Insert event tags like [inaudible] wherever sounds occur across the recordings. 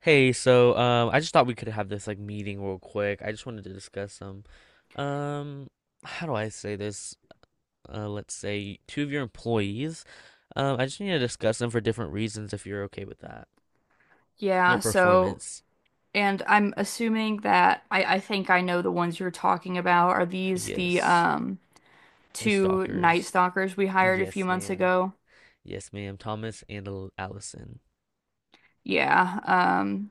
Hey, so I just thought we could have this like meeting real quick. I just wanted to discuss some, um, how do I say this? Let's say two of your employees. I just need to discuss them for different reasons if you're okay with that. Their Yeah, so performance. and I'm assuming that I think I know the ones you're talking about. Are these the Yes. The two Night stalkers. Stalkers we hired a few Yes, months ma'am. ago? Yes, ma'am. Thomas and Allison. Yeah.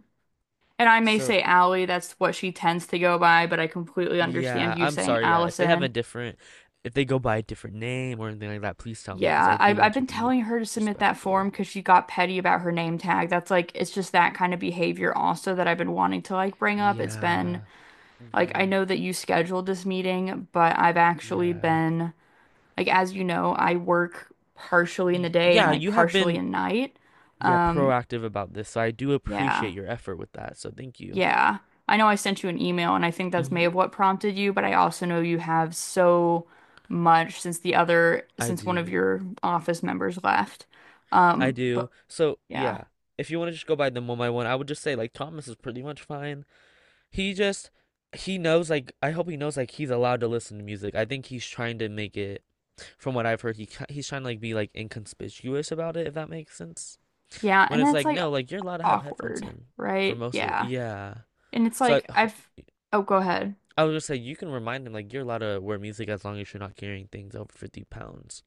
And I may So, say Allie, that's what she tends to go by, but I completely understand yeah, you I'm saying sorry. Yeah, if they have a Allison. different, if they go by a different name or anything like that, please tell me because I Yeah, do I've want I've to been be telling her to submit that respectful. form because she got petty about her name tag. That's like it's just that kind of behavior also that I've been wanting to like bring up. It's been Yeah. like I hmm know that you scheduled this meeting, but I've actually Yeah. been. Like as you know, I work partially in the day and Yeah, like you have partially been in night. yeah, Um, proactive about this. So I do yeah. appreciate your effort with that. So thank you. Yeah. I know I sent you an email and I think that's may have Hmm what prompted you, but I also know you have so much since the other I since one of do. your office members left. I do. But So yeah. yeah, if you want to just go by them one by one, I would just say like Thomas is pretty much fine. He just he knows like I hope he knows like he's allowed to listen to music. I think he's trying to make it from what I've heard he's trying to like be like inconspicuous about it if that makes sense. Yeah, When and it's that's like like no, like you're allowed to have headphones awkward, in for right? most of it. Yeah. Yeah. And it's So like I, I've Oh, go ahead. I was just like, you can remind them like you're allowed to wear music as long as you're not carrying things over 50 pounds.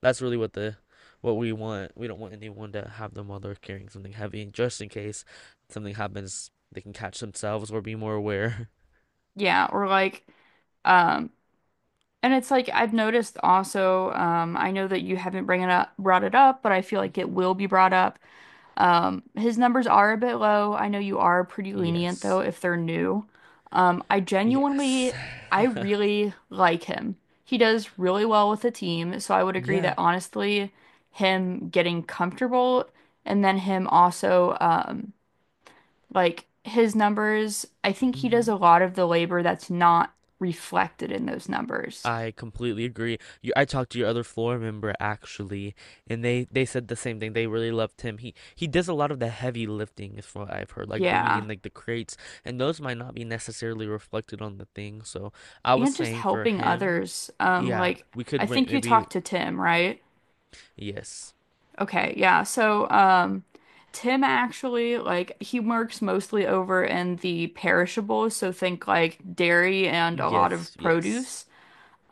That's really what we want. We don't want anyone to have them while they're carrying something heavy, just in case something happens, they can catch themselves or be more aware. Yeah, or um and it's like I've noticed also, I know that you haven't bring it up, brought it up, but I feel [laughs] like it hmm will be brought up. His numbers are a bit low. I know you are pretty lenient though Yes. if they're new. Um, I Yes. genuinely, I [laughs] really like him. He does really well with the team, so I would agree Yeah. that honestly, him getting comfortable and then him also like his numbers, I think he does a hmm lot of the labor that's not reflected in those numbers. I completely agree. You, I talked to your other floor member actually, and they said the same thing. They really loved him. He does a lot of the heavy lifting, is what I've heard, like bringing Yeah. in like the crates, and those might not be necessarily reflected on the thing. So I was And just saying for helping him, others. Yeah, we I could rent think you maybe. talked to Tim, right? Yes, Okay, yeah. Tim actually like he works mostly over in the perishables, so think like dairy and a lot yes, of yes. produce.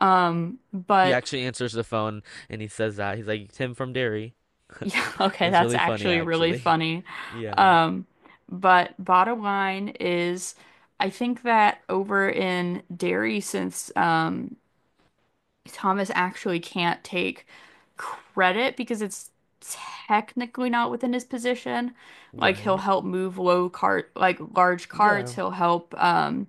He But actually answers the phone and he says that he's like Tim from Derry. yeah, [laughs] [laughs] okay, It's that's really funny actually really actually. funny. [laughs] Yeah, Um, but bottom line is I think that over in dairy, since Thomas actually can't take credit because it's technically not within his position. Like he'll right. help move low cart, like large Yeah, carts. He'll help,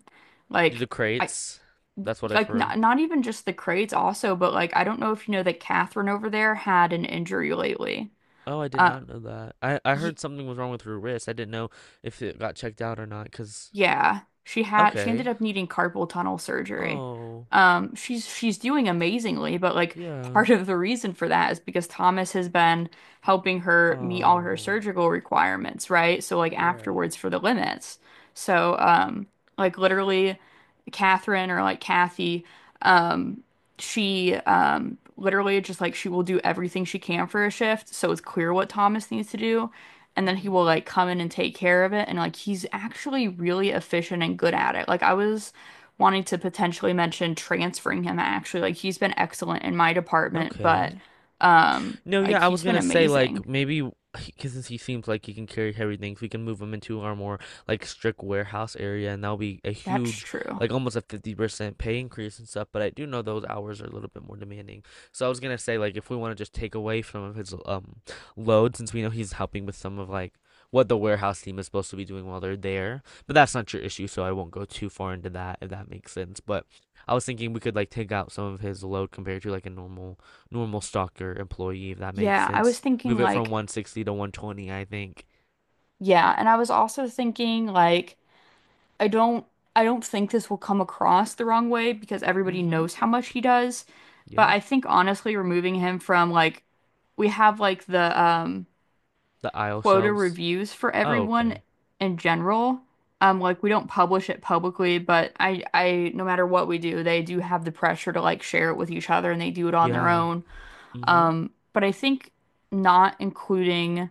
do the like I crates. That's what I've like heard. not even just the crates also, but like I don't know if you know that Catherine over there had an injury lately. Oh, I did Uh, not know that. I y heard something was wrong with her wrist. I didn't know if it got checked out or not. Cause Yeah, she ended okay. up needing carpal tunnel surgery. Oh, she's doing amazingly, but like yeah. part of the reason for that is because Thomas has been helping her meet all her Oh, surgical requirements, right? So like right. afterwards for the limits. So um literally Catherine or like Kathy, um she literally just like she will do everything she can for a shift, so it's clear what Thomas needs to do and then he Mhm. will like come in and take care of it, and like he's actually really efficient and good at it. Like I was wanting to potentially mention transferring him, actually. Like he's been excellent in my department, but Okay. No, like yeah, I was he's been gonna say amazing. like maybe because he seems like he can carry heavy things, we can move him into our more like strict warehouse area, and that'll be a That's huge, true. like almost a 50% pay increase and stuff. But I do know those hours are a little bit more demanding. So I was gonna say like if we want to just take away some of his load, since we know he's helping with some of like what the warehouse team is supposed to be doing while they're there. But that's not your issue, so I won't go too far into that if that makes sense. But I was thinking we could like take out some of his load compared to like a normal stalker employee, if that makes Yeah, I was sense. thinking Move it from like 160 to 120, I think. yeah, and I was also thinking like i don't I don't think this will come across the wrong way because everybody Mm-hmm. knows how much he does, but Yeah. I think honestly removing him from like we have like the The aisle quota shelves. reviews for Oh, everyone okay. in general. Like we don't publish it publicly, but no matter what we do, they do have the pressure to like share it with each other, and they do it on their Yeah. own. Mm-hmm. But I think not including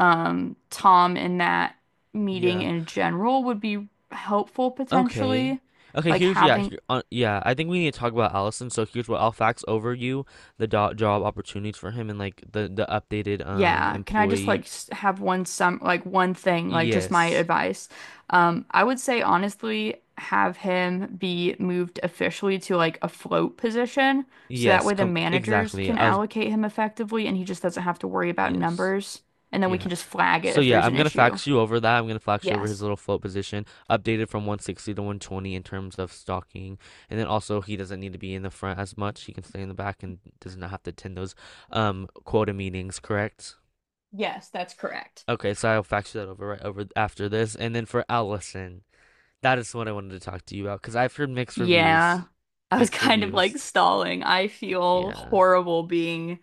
Tom in that meeting Yeah. in general would be helpful, Okay. potentially. Okay, Like here's yeah, having. Yeah. I think we need to talk about Allison. So here's what I'll fax over you the job opportunities for him and like the updated Yeah, can I just employee. like have one thing, like just my Yes, advice? I would say honestly have him be moved officially to like a float position so that yes, way the managers exactly. can I was allocate him effectively and he just doesn't have to worry about yes, numbers, and then we yeah. can just flag it So if yeah, there's I'm an gonna issue. fax you over that. I'm gonna fax you over his Yes. little float position, updated from 160 to 120 in terms of stocking, and then also he doesn't need to be in the front as much. He can stay in the back and does not have to attend those quota meetings. Correct? Yes, that's correct. Okay, so I'll fax you that over right over after this, and then for Allison, that is what I wanted to talk to you about because I've heard mixed Yeah. reviews, I was [laughs] mixed kind of reviews. like stalling. I feel Yeah, horrible being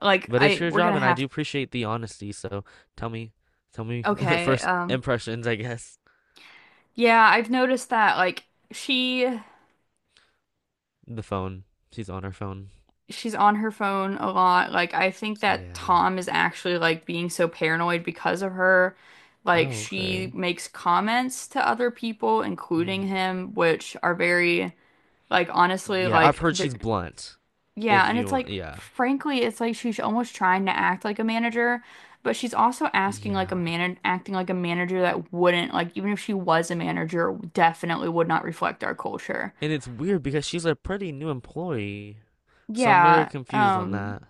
like but it's I your we're job, gonna and I do have. appreciate the honesty. So tell me, tell me [laughs] Okay, first impressions, I guess. yeah, I've noticed that she The phone. She's on her phone. she's on her phone a lot. Like I think that Yeah. Tom is actually like being so paranoid because of her. Like Oh, she okay. makes comments to other people, Mm. including him, which are very like honestly Yeah, I've like heard they're- she's blunt. If yeah, and you it's want, like yeah. frankly, it's like she's almost trying to act like a manager, but she's also asking like a Yeah. man acting like a manager that wouldn't like, even if she was a manager, definitely would not reflect our culture. And it's weird because she's a pretty new employee. So I'm very Yeah. confused on that.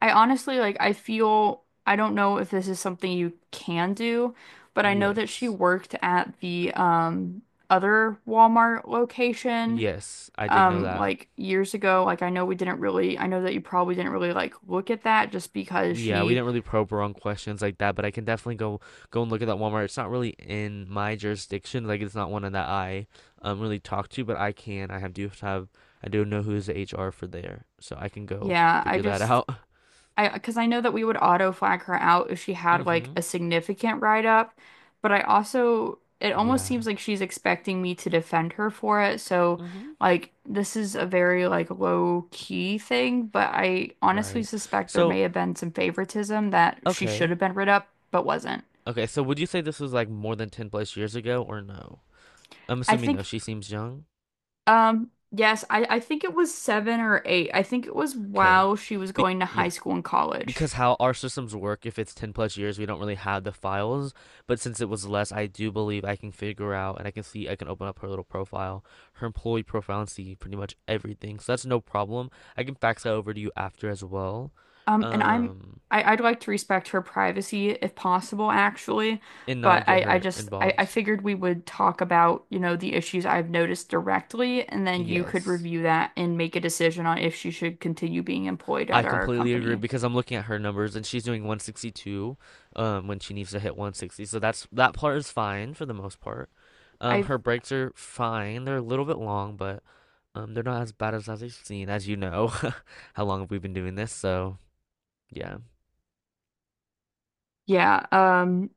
I honestly like I feel I don't know if this is something you can do, but I know that she Yes. worked at the other Walmart location Yes, I did know that. like years ago. Like I know that you probably didn't really like look at that just because We Yeah, we she didn't really probe around questions like that, but I can definitely go and look at that Walmart. It's not really in my jurisdiction, like it's not one that I really talk to, but I can. I have do have I do know who's the HR for there, so I can go yeah, figure that out. [laughs] I because I know that we would auto flag her out if she had like Mm-hmm. a significant write up, but I also it almost Yeah. seems like she's expecting me to defend her for it. So Mm-hmm. like this is a very like low key thing, but I honestly Right. suspect there So may have been some favoritism that she should okay. have been rid up but wasn't. Okay, so would you say this was like more than 10 plus years ago or no? I'm I assuming no, think she seems young. Yes, I think it was seven or eight. I think it was Okay. while she was Be going to high yeah. school and college. Because how our systems work, if it's 10 plus years, we don't really have the files. But since it was less, I do believe I can figure out and I can see, I can open up her little profile, her employee profile, and see pretty much everything. So that's no problem. I can fax that over to you after as well. And I'm Um, I, I'd like to respect her privacy if possible, actually. and not But get her I involved. figured we would talk about, you know, the issues I've noticed directly, and then you could Yes. review that and make a decision on if she should continue being employed I at our completely agree company. because I'm looking at her numbers and she's doing 162 when she needs to hit 160. So that's that part is fine for the most part. I Her breaks are fine. They're a little bit long, but they're not as bad as I've seen as you know. [laughs] How long have we been doing this? So, yeah. Yeah,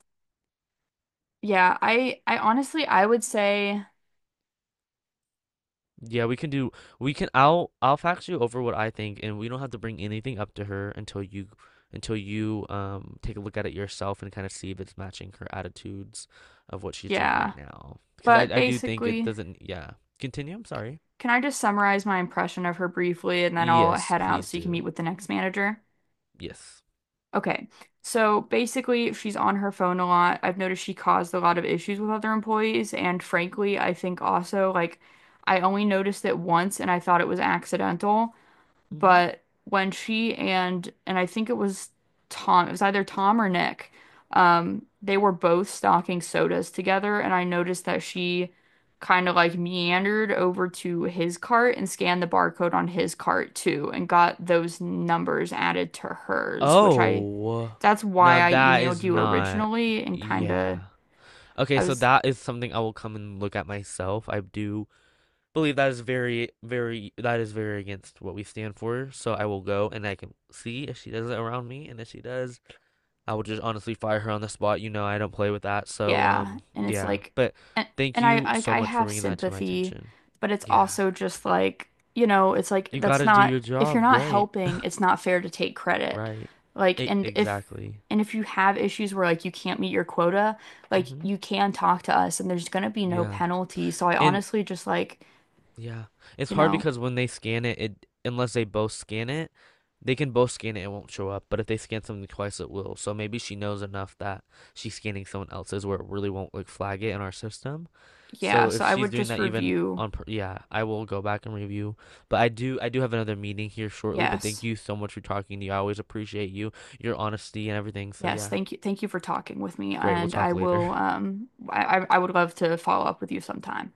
yeah, I honestly I would say Yeah, we can do we can I'll fax you over what I think and we don't have to bring anything up to her until you take a look at it yourself and kind of see if it's matching her attitudes of what she's doing yeah. right now. Because I But I do think it basically, doesn't yeah. Continue, I'm sorry. can I just summarize my impression of her briefly and then I'll Yes, head out please so you can do. meet with the next manager? Yes. Okay. So basically, she's on her phone a lot. I've noticed she caused a lot of issues with other employees. And frankly, I think also, like, I only noticed it once and I thought it was accidental. Mm-hmm. But when she and I think it was Tom, it was either Tom or Nick, they were both stocking sodas together, and I noticed that she kind of like meandered over to his cart and scanned the barcode on his cart too, and got those numbers added to hers, which I Oh. that's Now why I that emailed is you not originally and kind yeah. of Okay, I so was that is something I will come and look at myself. I do believe that is very, very, that is very against what we stand for. So I will go and I can see if she does it around me, and if she does, I will just honestly fire her on the spot. You know, I don't play with that. So Yeah, and it's yeah. like But and, thank and you so I much for have bringing that to my sympathy, attention. but it's Yeah, also just like, you know, it's like you that's gotta do not your if you're job, not right? helping, it's not fair to take credit. Right. Like and if Exactly. and if you have issues where like you can't meet your quota, like hmm you can talk to us and there's gonna be no Yeah. penalty. So I And honestly just like, yeah. It's you hard know, because when they scan it, it unless they both scan it, they can both scan it, it won't show up. But if they scan something twice, it will. So maybe she knows enough that she's scanning someone else's where it really won't like flag it in our system. yeah, So so if I she's would doing just that even review. on yeah, I will go back and review. But I do have another meeting here shortly, but thank Yes. you so much for talking to you. I always appreciate you, your honesty and everything. So Yes, yeah, thank you. Thank you for talking with me great. We'll and talk I later. will I would love to follow up with you sometime.